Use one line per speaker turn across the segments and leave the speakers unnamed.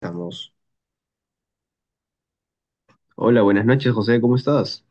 Estamos. Hola, buenas noches, José, ¿cómo estás?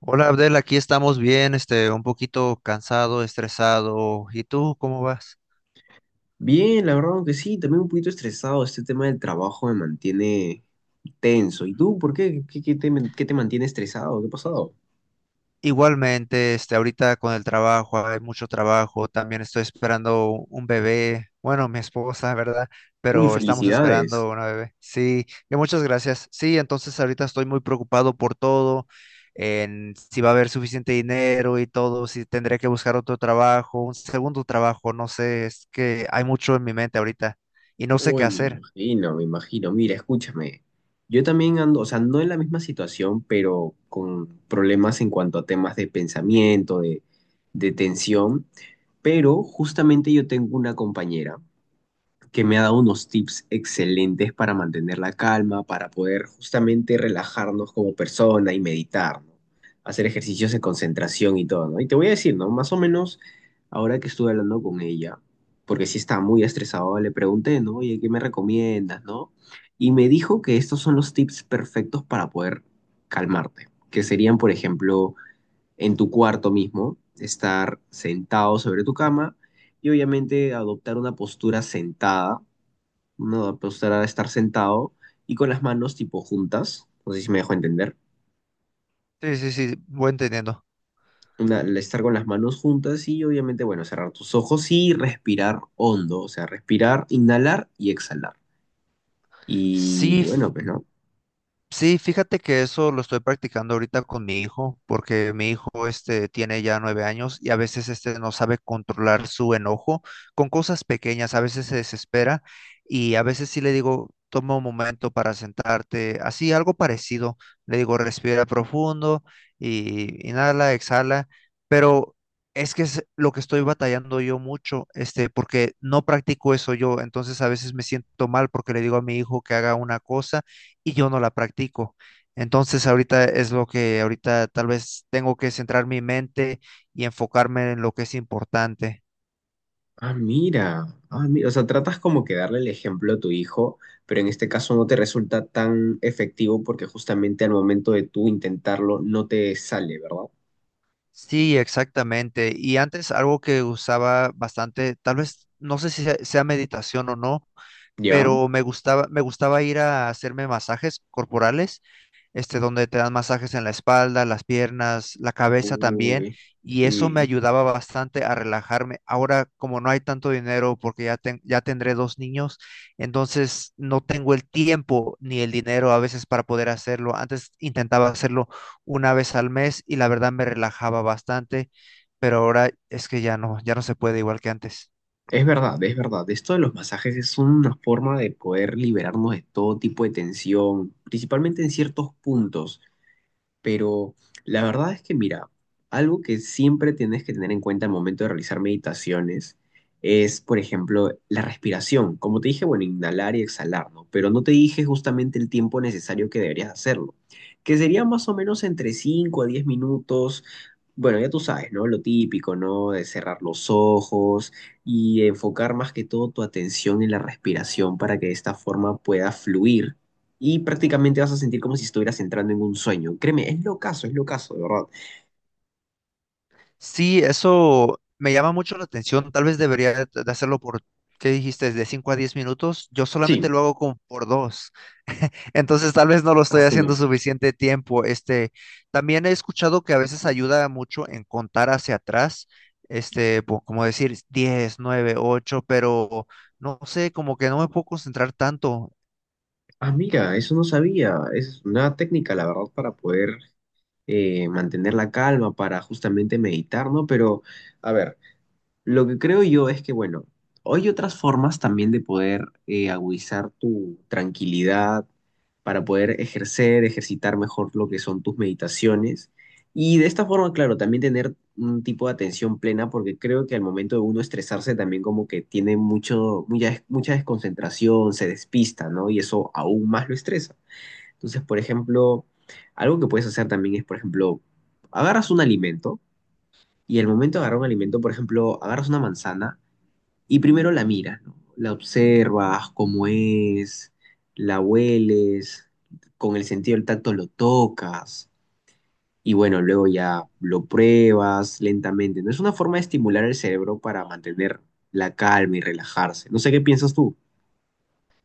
Hola Abdel, aquí estamos bien, un poquito cansado, estresado. ¿Y tú cómo vas?
Bien, la verdad que sí, también un poquito estresado. Este tema del trabajo me mantiene tenso. ¿Y tú, por qué? ¿Qué te mantiene estresado? ¿Qué ha pasado?
Igualmente, ahorita con el trabajo, hay mucho trabajo. También estoy esperando un bebé. Bueno, mi esposa, ¿verdad?
Uy,
Pero estamos
felicidades.
esperando una bebé. Sí, y muchas gracias. Sí, entonces ahorita estoy muy preocupado por todo, en si va a haber suficiente dinero y todo, si tendré que buscar otro trabajo, un segundo trabajo, no sé, es que hay mucho en mi mente ahorita y no sé qué
Uy, me
hacer.
imagino, me imagino. Mira, escúchame. Yo también ando, o sea, no en la misma situación, pero con problemas en cuanto a temas de pensamiento, de tensión. Pero justamente yo tengo una compañera que me ha dado unos tips excelentes para mantener la calma, para poder justamente relajarnos como persona y meditar, ¿no? Hacer ejercicios de concentración y todo, ¿no? Y te voy a decir, ¿no? Más o menos, ahora que estuve hablando con ella, porque sí estaba muy estresado, le pregunté, ¿no? Oye, ¿qué me recomiendas, no? Y me dijo que estos son los tips perfectos para poder calmarte, que serían, por ejemplo, en tu cuarto mismo, estar sentado sobre tu cama y obviamente adoptar una postura sentada, no, pues era estar sentado y con las manos tipo juntas. No sé si me dejo entender.
Sí, sí, sí, voy entendiendo.
Estar con las manos juntas y obviamente, bueno, cerrar tus ojos y respirar hondo. O sea, respirar, inhalar y exhalar. Y
Sí,
bueno, pues no.
sí, fíjate que eso lo estoy practicando ahorita con mi hijo, porque mi hijo tiene ya 9 años y a veces no sabe controlar su enojo con cosas pequeñas, a veces se desespera y a veces sí le digo, toma un momento para sentarte, así algo parecido, le digo, respira profundo y inhala, exhala, pero es que es lo que estoy batallando yo mucho, porque no practico eso yo, entonces a veces me siento mal porque le digo a mi hijo que haga una cosa y yo no la practico. Entonces ahorita es lo que ahorita tal vez tengo que centrar mi mente y enfocarme en lo que es importante.
Ah, mira. Ah, mira. O sea, tratas como que darle el ejemplo a tu hijo, pero en este caso no te resulta tan efectivo porque justamente al momento de tú intentarlo no te sale, ¿verdad?
Sí, exactamente. Y antes algo que usaba bastante, tal vez no sé si sea meditación o no,
¿Ya?
pero me gustaba ir a hacerme masajes corporales, donde te dan masajes en la espalda, las piernas, la cabeza también,
Uy,
y eso me
sí.
ayudaba bastante a relajarme. Ahora, como no hay tanto dinero, porque ya tendré dos niños, entonces no tengo el tiempo ni el dinero a veces para poder hacerlo. Antes intentaba hacerlo una vez al mes y la verdad me relajaba bastante, pero ahora es que ya no, ya no se puede igual que antes.
Es verdad, es verdad. Esto de los masajes es una forma de poder liberarnos de todo tipo de tensión, principalmente en ciertos puntos. Pero la verdad es que, mira, algo que siempre tienes que tener en cuenta al momento de realizar meditaciones es, por ejemplo, la respiración. Como te dije, bueno, inhalar y exhalar, ¿no? Pero no te dije justamente el tiempo necesario que deberías hacerlo, que sería más o menos entre 5 a 10 minutos. Bueno, ya tú sabes, ¿no? Lo típico, ¿no? De cerrar los ojos y enfocar más que todo tu atención en la respiración para que de esta forma pueda fluir y prácticamente vas a sentir como si estuvieras entrando en un sueño. Créeme, es locazo, de verdad.
Sí, eso me llama mucho la atención. Tal vez debería de hacerlo por, ¿qué dijiste? De 5 a 10 minutos. Yo
Sí.
solamente lo hago como por dos. Entonces, tal vez no lo
A
estoy
su
haciendo
madre.
suficiente tiempo. También he escuchado que a veces ayuda mucho en contar hacia atrás. Como decir 10, 9, 8. Pero no sé, como que no me puedo concentrar tanto.
Ah, mira, eso no sabía. Es una técnica, la verdad, para poder mantener la calma, para justamente meditar, ¿no? Pero, a ver. Lo que creo yo es que, bueno, hay otras formas también de poder agudizar tu tranquilidad para poder ejercer, ejercitar mejor lo que son tus meditaciones. Y de esta forma, claro, también tener un tipo de atención plena, porque creo que al momento de uno estresarse también como que tiene mucho, mucha, mucha desconcentración, se despista, ¿no? Y eso aún más lo estresa. Entonces, por ejemplo, algo que puedes hacer también es, por ejemplo, agarras un alimento. Y el momento de agarrar un alimento, por ejemplo, agarras una manzana y primero la miras, ¿no? La observas, cómo es, la hueles, con el sentido del tacto lo tocas y bueno, luego ya lo pruebas lentamente. No es una forma de estimular el cerebro para mantener la calma y relajarse. No sé qué piensas tú.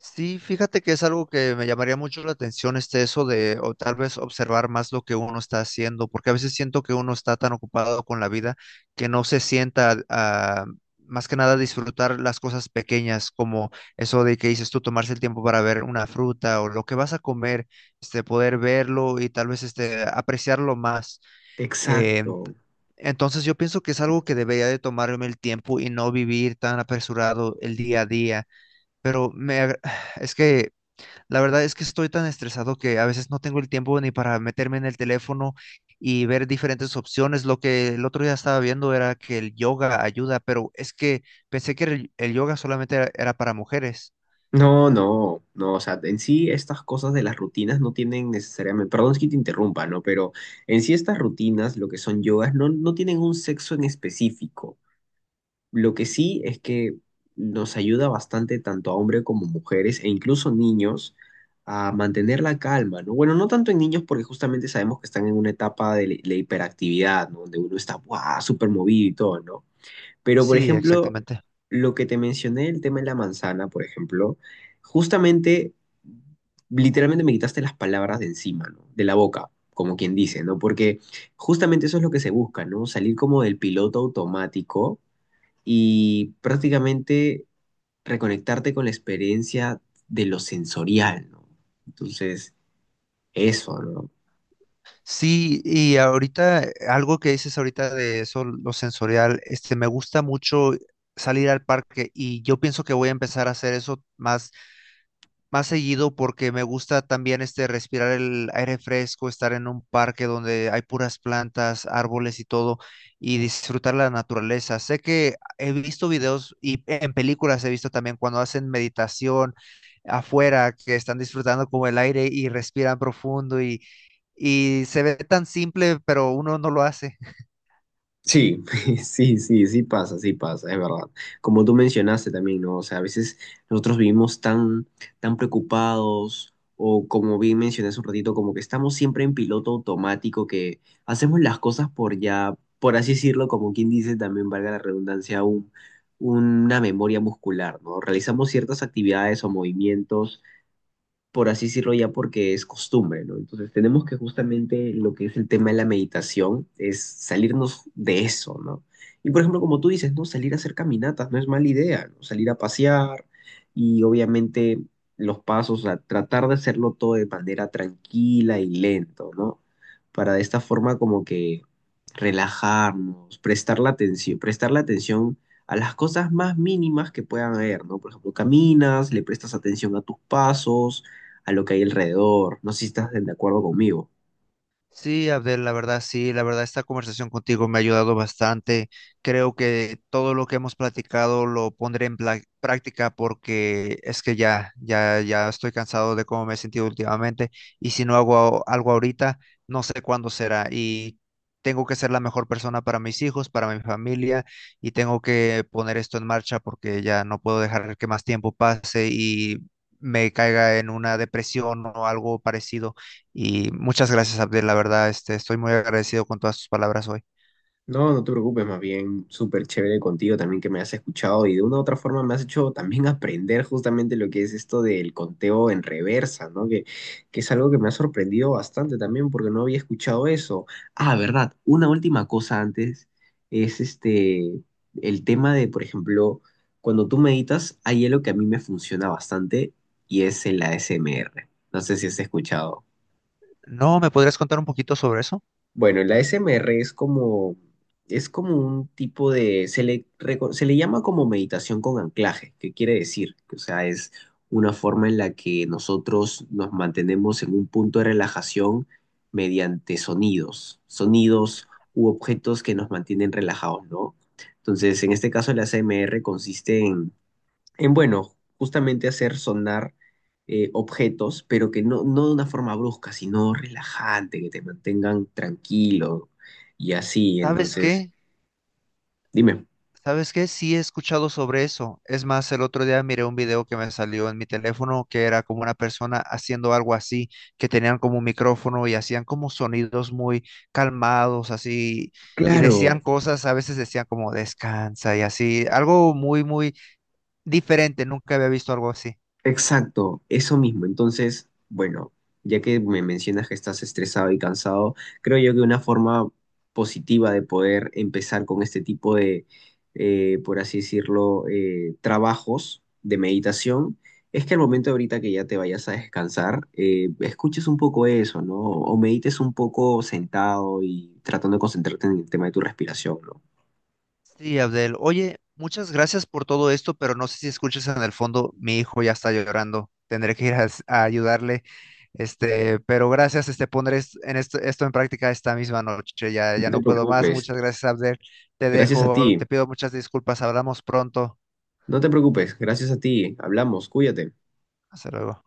Sí, fíjate que es algo que me llamaría mucho la atención, eso de, o tal vez observar más lo que uno está haciendo, porque a veces siento que uno está tan ocupado con la vida que no se sienta a, más que nada, disfrutar las cosas pequeñas, como eso de que dices tú, tomarse el tiempo para ver una fruta o lo que vas a comer, poder verlo y tal vez, apreciarlo más. Eh,
Exacto.
entonces yo pienso que es algo que debería de tomarme el tiempo y no vivir tan apresurado el día a día, pero es que la verdad es que estoy tan estresado que a veces no tengo el tiempo ni para meterme en el teléfono y ver diferentes opciones. Lo que el otro día estaba viendo era que el yoga ayuda, pero es que pensé que el yoga solamente era para mujeres.
No, no, no, o sea, en sí estas cosas de las rutinas no tienen necesariamente, perdón es que te interrumpa, ¿no? Pero en sí estas rutinas, lo que son yogas, no, no tienen un sexo en específico. Lo que sí es que nos ayuda bastante tanto a hombres como mujeres e incluso niños a mantener la calma, ¿no? Bueno, no tanto en niños porque justamente sabemos que están en una etapa de la hiperactividad, ¿no? Donde uno está, ¡buah!, súper movido y todo, ¿no? Pero, por
Sí,
ejemplo,
exactamente.
lo que te mencioné, el tema de la manzana, por ejemplo, justamente, literalmente me quitaste las palabras de encima, ¿no? De la boca, como quien dice, ¿no? Porque justamente eso es lo que se busca, ¿no? Salir como del piloto automático y prácticamente reconectarte con la experiencia de lo sensorial, ¿no? Entonces, eso, ¿no?
Sí, y ahorita algo que dices ahorita de eso, lo sensorial, me gusta mucho salir al parque y yo pienso que voy a empezar a hacer eso más seguido porque me gusta también respirar el aire fresco, estar en un parque donde hay puras plantas, árboles y todo, y disfrutar la naturaleza. Sé que he visto videos y en películas he visto también cuando hacen meditación afuera, que están disfrutando como el aire y respiran profundo y se ve tan simple, pero uno no lo hace.
Sí, sí, sí, sí pasa, es verdad. Como tú mencionaste también, ¿no? O sea, a veces nosotros vivimos tan, tan preocupados o como bien mencioné hace un ratito, como que estamos siempre en piloto automático, que hacemos las cosas por ya, por así decirlo, como quien dice también, valga la redundancia, una memoria muscular, ¿no? Realizamos ciertas actividades o movimientos por así decirlo ya, porque es costumbre, ¿no? Entonces tenemos que justamente lo que es el tema de la meditación es salirnos de eso, ¿no? Y por ejemplo, como tú dices, ¿no? Salir a hacer caminatas no es mala idea, ¿no? Salir a pasear y obviamente los pasos, a tratar de hacerlo todo de manera tranquila y lento, ¿no? Para de esta forma como que relajarnos, prestar la atención a las cosas más mínimas que puedan haber, ¿no? Por ejemplo, caminas, le prestas atención a tus pasos, a lo que hay alrededor. No sé si estás de acuerdo conmigo.
Sí, Abdel, la verdad, sí, la verdad, esta conversación contigo me ha ayudado bastante. Creo que todo lo que hemos platicado lo pondré en práctica porque es que ya estoy cansado de cómo me he sentido últimamente y si no hago algo ahorita, no sé cuándo será y tengo que ser la mejor persona para mis hijos, para mi familia y tengo que poner esto en marcha porque ya no puedo dejar que más tiempo pase y me caiga en una depresión o algo parecido y muchas gracias, Abdel, la verdad, estoy muy agradecido con todas tus palabras hoy.
No, no te preocupes, más bien súper chévere contigo también que me has escuchado y de una u otra forma me has hecho también aprender justamente lo que es esto del conteo en reversa, ¿no? Que es algo que me ha sorprendido bastante también porque no había escuchado eso. Ah, verdad. Una última cosa antes es este, el tema de, por ejemplo, cuando tú meditas, hay algo que a mí me funciona bastante y es el ASMR. No sé si has escuchado.
¿No me podrías contar un poquito sobre eso?
Bueno, la SMR es como un tipo de, reco- se le llama como meditación con anclaje, ¿qué quiere decir? Que, o sea, es una forma en la que nosotros nos mantenemos en un punto de relajación mediante sonidos, sonidos u objetos que nos mantienen relajados, ¿no? Entonces, en este caso, la SMR consiste en bueno, justamente hacer sonar objetos, pero que no, no de una forma brusca, sino relajante, que te mantengan tranquilo y así.
¿Sabes
Entonces,
qué?
dime,
¿Sabes qué? Sí he escuchado sobre eso. Es más, el otro día miré un video que me salió en mi teléfono que era como una persona haciendo algo así, que tenían como un micrófono y hacían como sonidos muy calmados, así, y
claro,
decían cosas, a veces decían como descansa y así, algo muy, muy diferente. Nunca había visto algo así.
exacto, eso mismo. Entonces, bueno, ya que me mencionas que estás estresado y cansado, creo yo que una forma positiva de poder empezar con este tipo de, por así decirlo, trabajos de meditación, es que al momento ahorita que ya te vayas a descansar, escuches un poco eso, ¿no? O medites un poco sentado y tratando de concentrarte en el tema de tu respiración, ¿no?
Sí, Abdel. Oye, muchas gracias por todo esto, pero no sé si escuchas en el fondo, mi hijo ya está llorando. Tendré que ir a ayudarle. Pero gracias, pondré en esto en práctica esta misma noche. Ya,
No
ya
te
no puedo más.
preocupes,
Muchas gracias, Abdel. Te
gracias a
dejo,
ti.
te pido muchas disculpas. Hablamos pronto.
No te preocupes, gracias a ti. Hablamos, cuídate.
Hasta luego.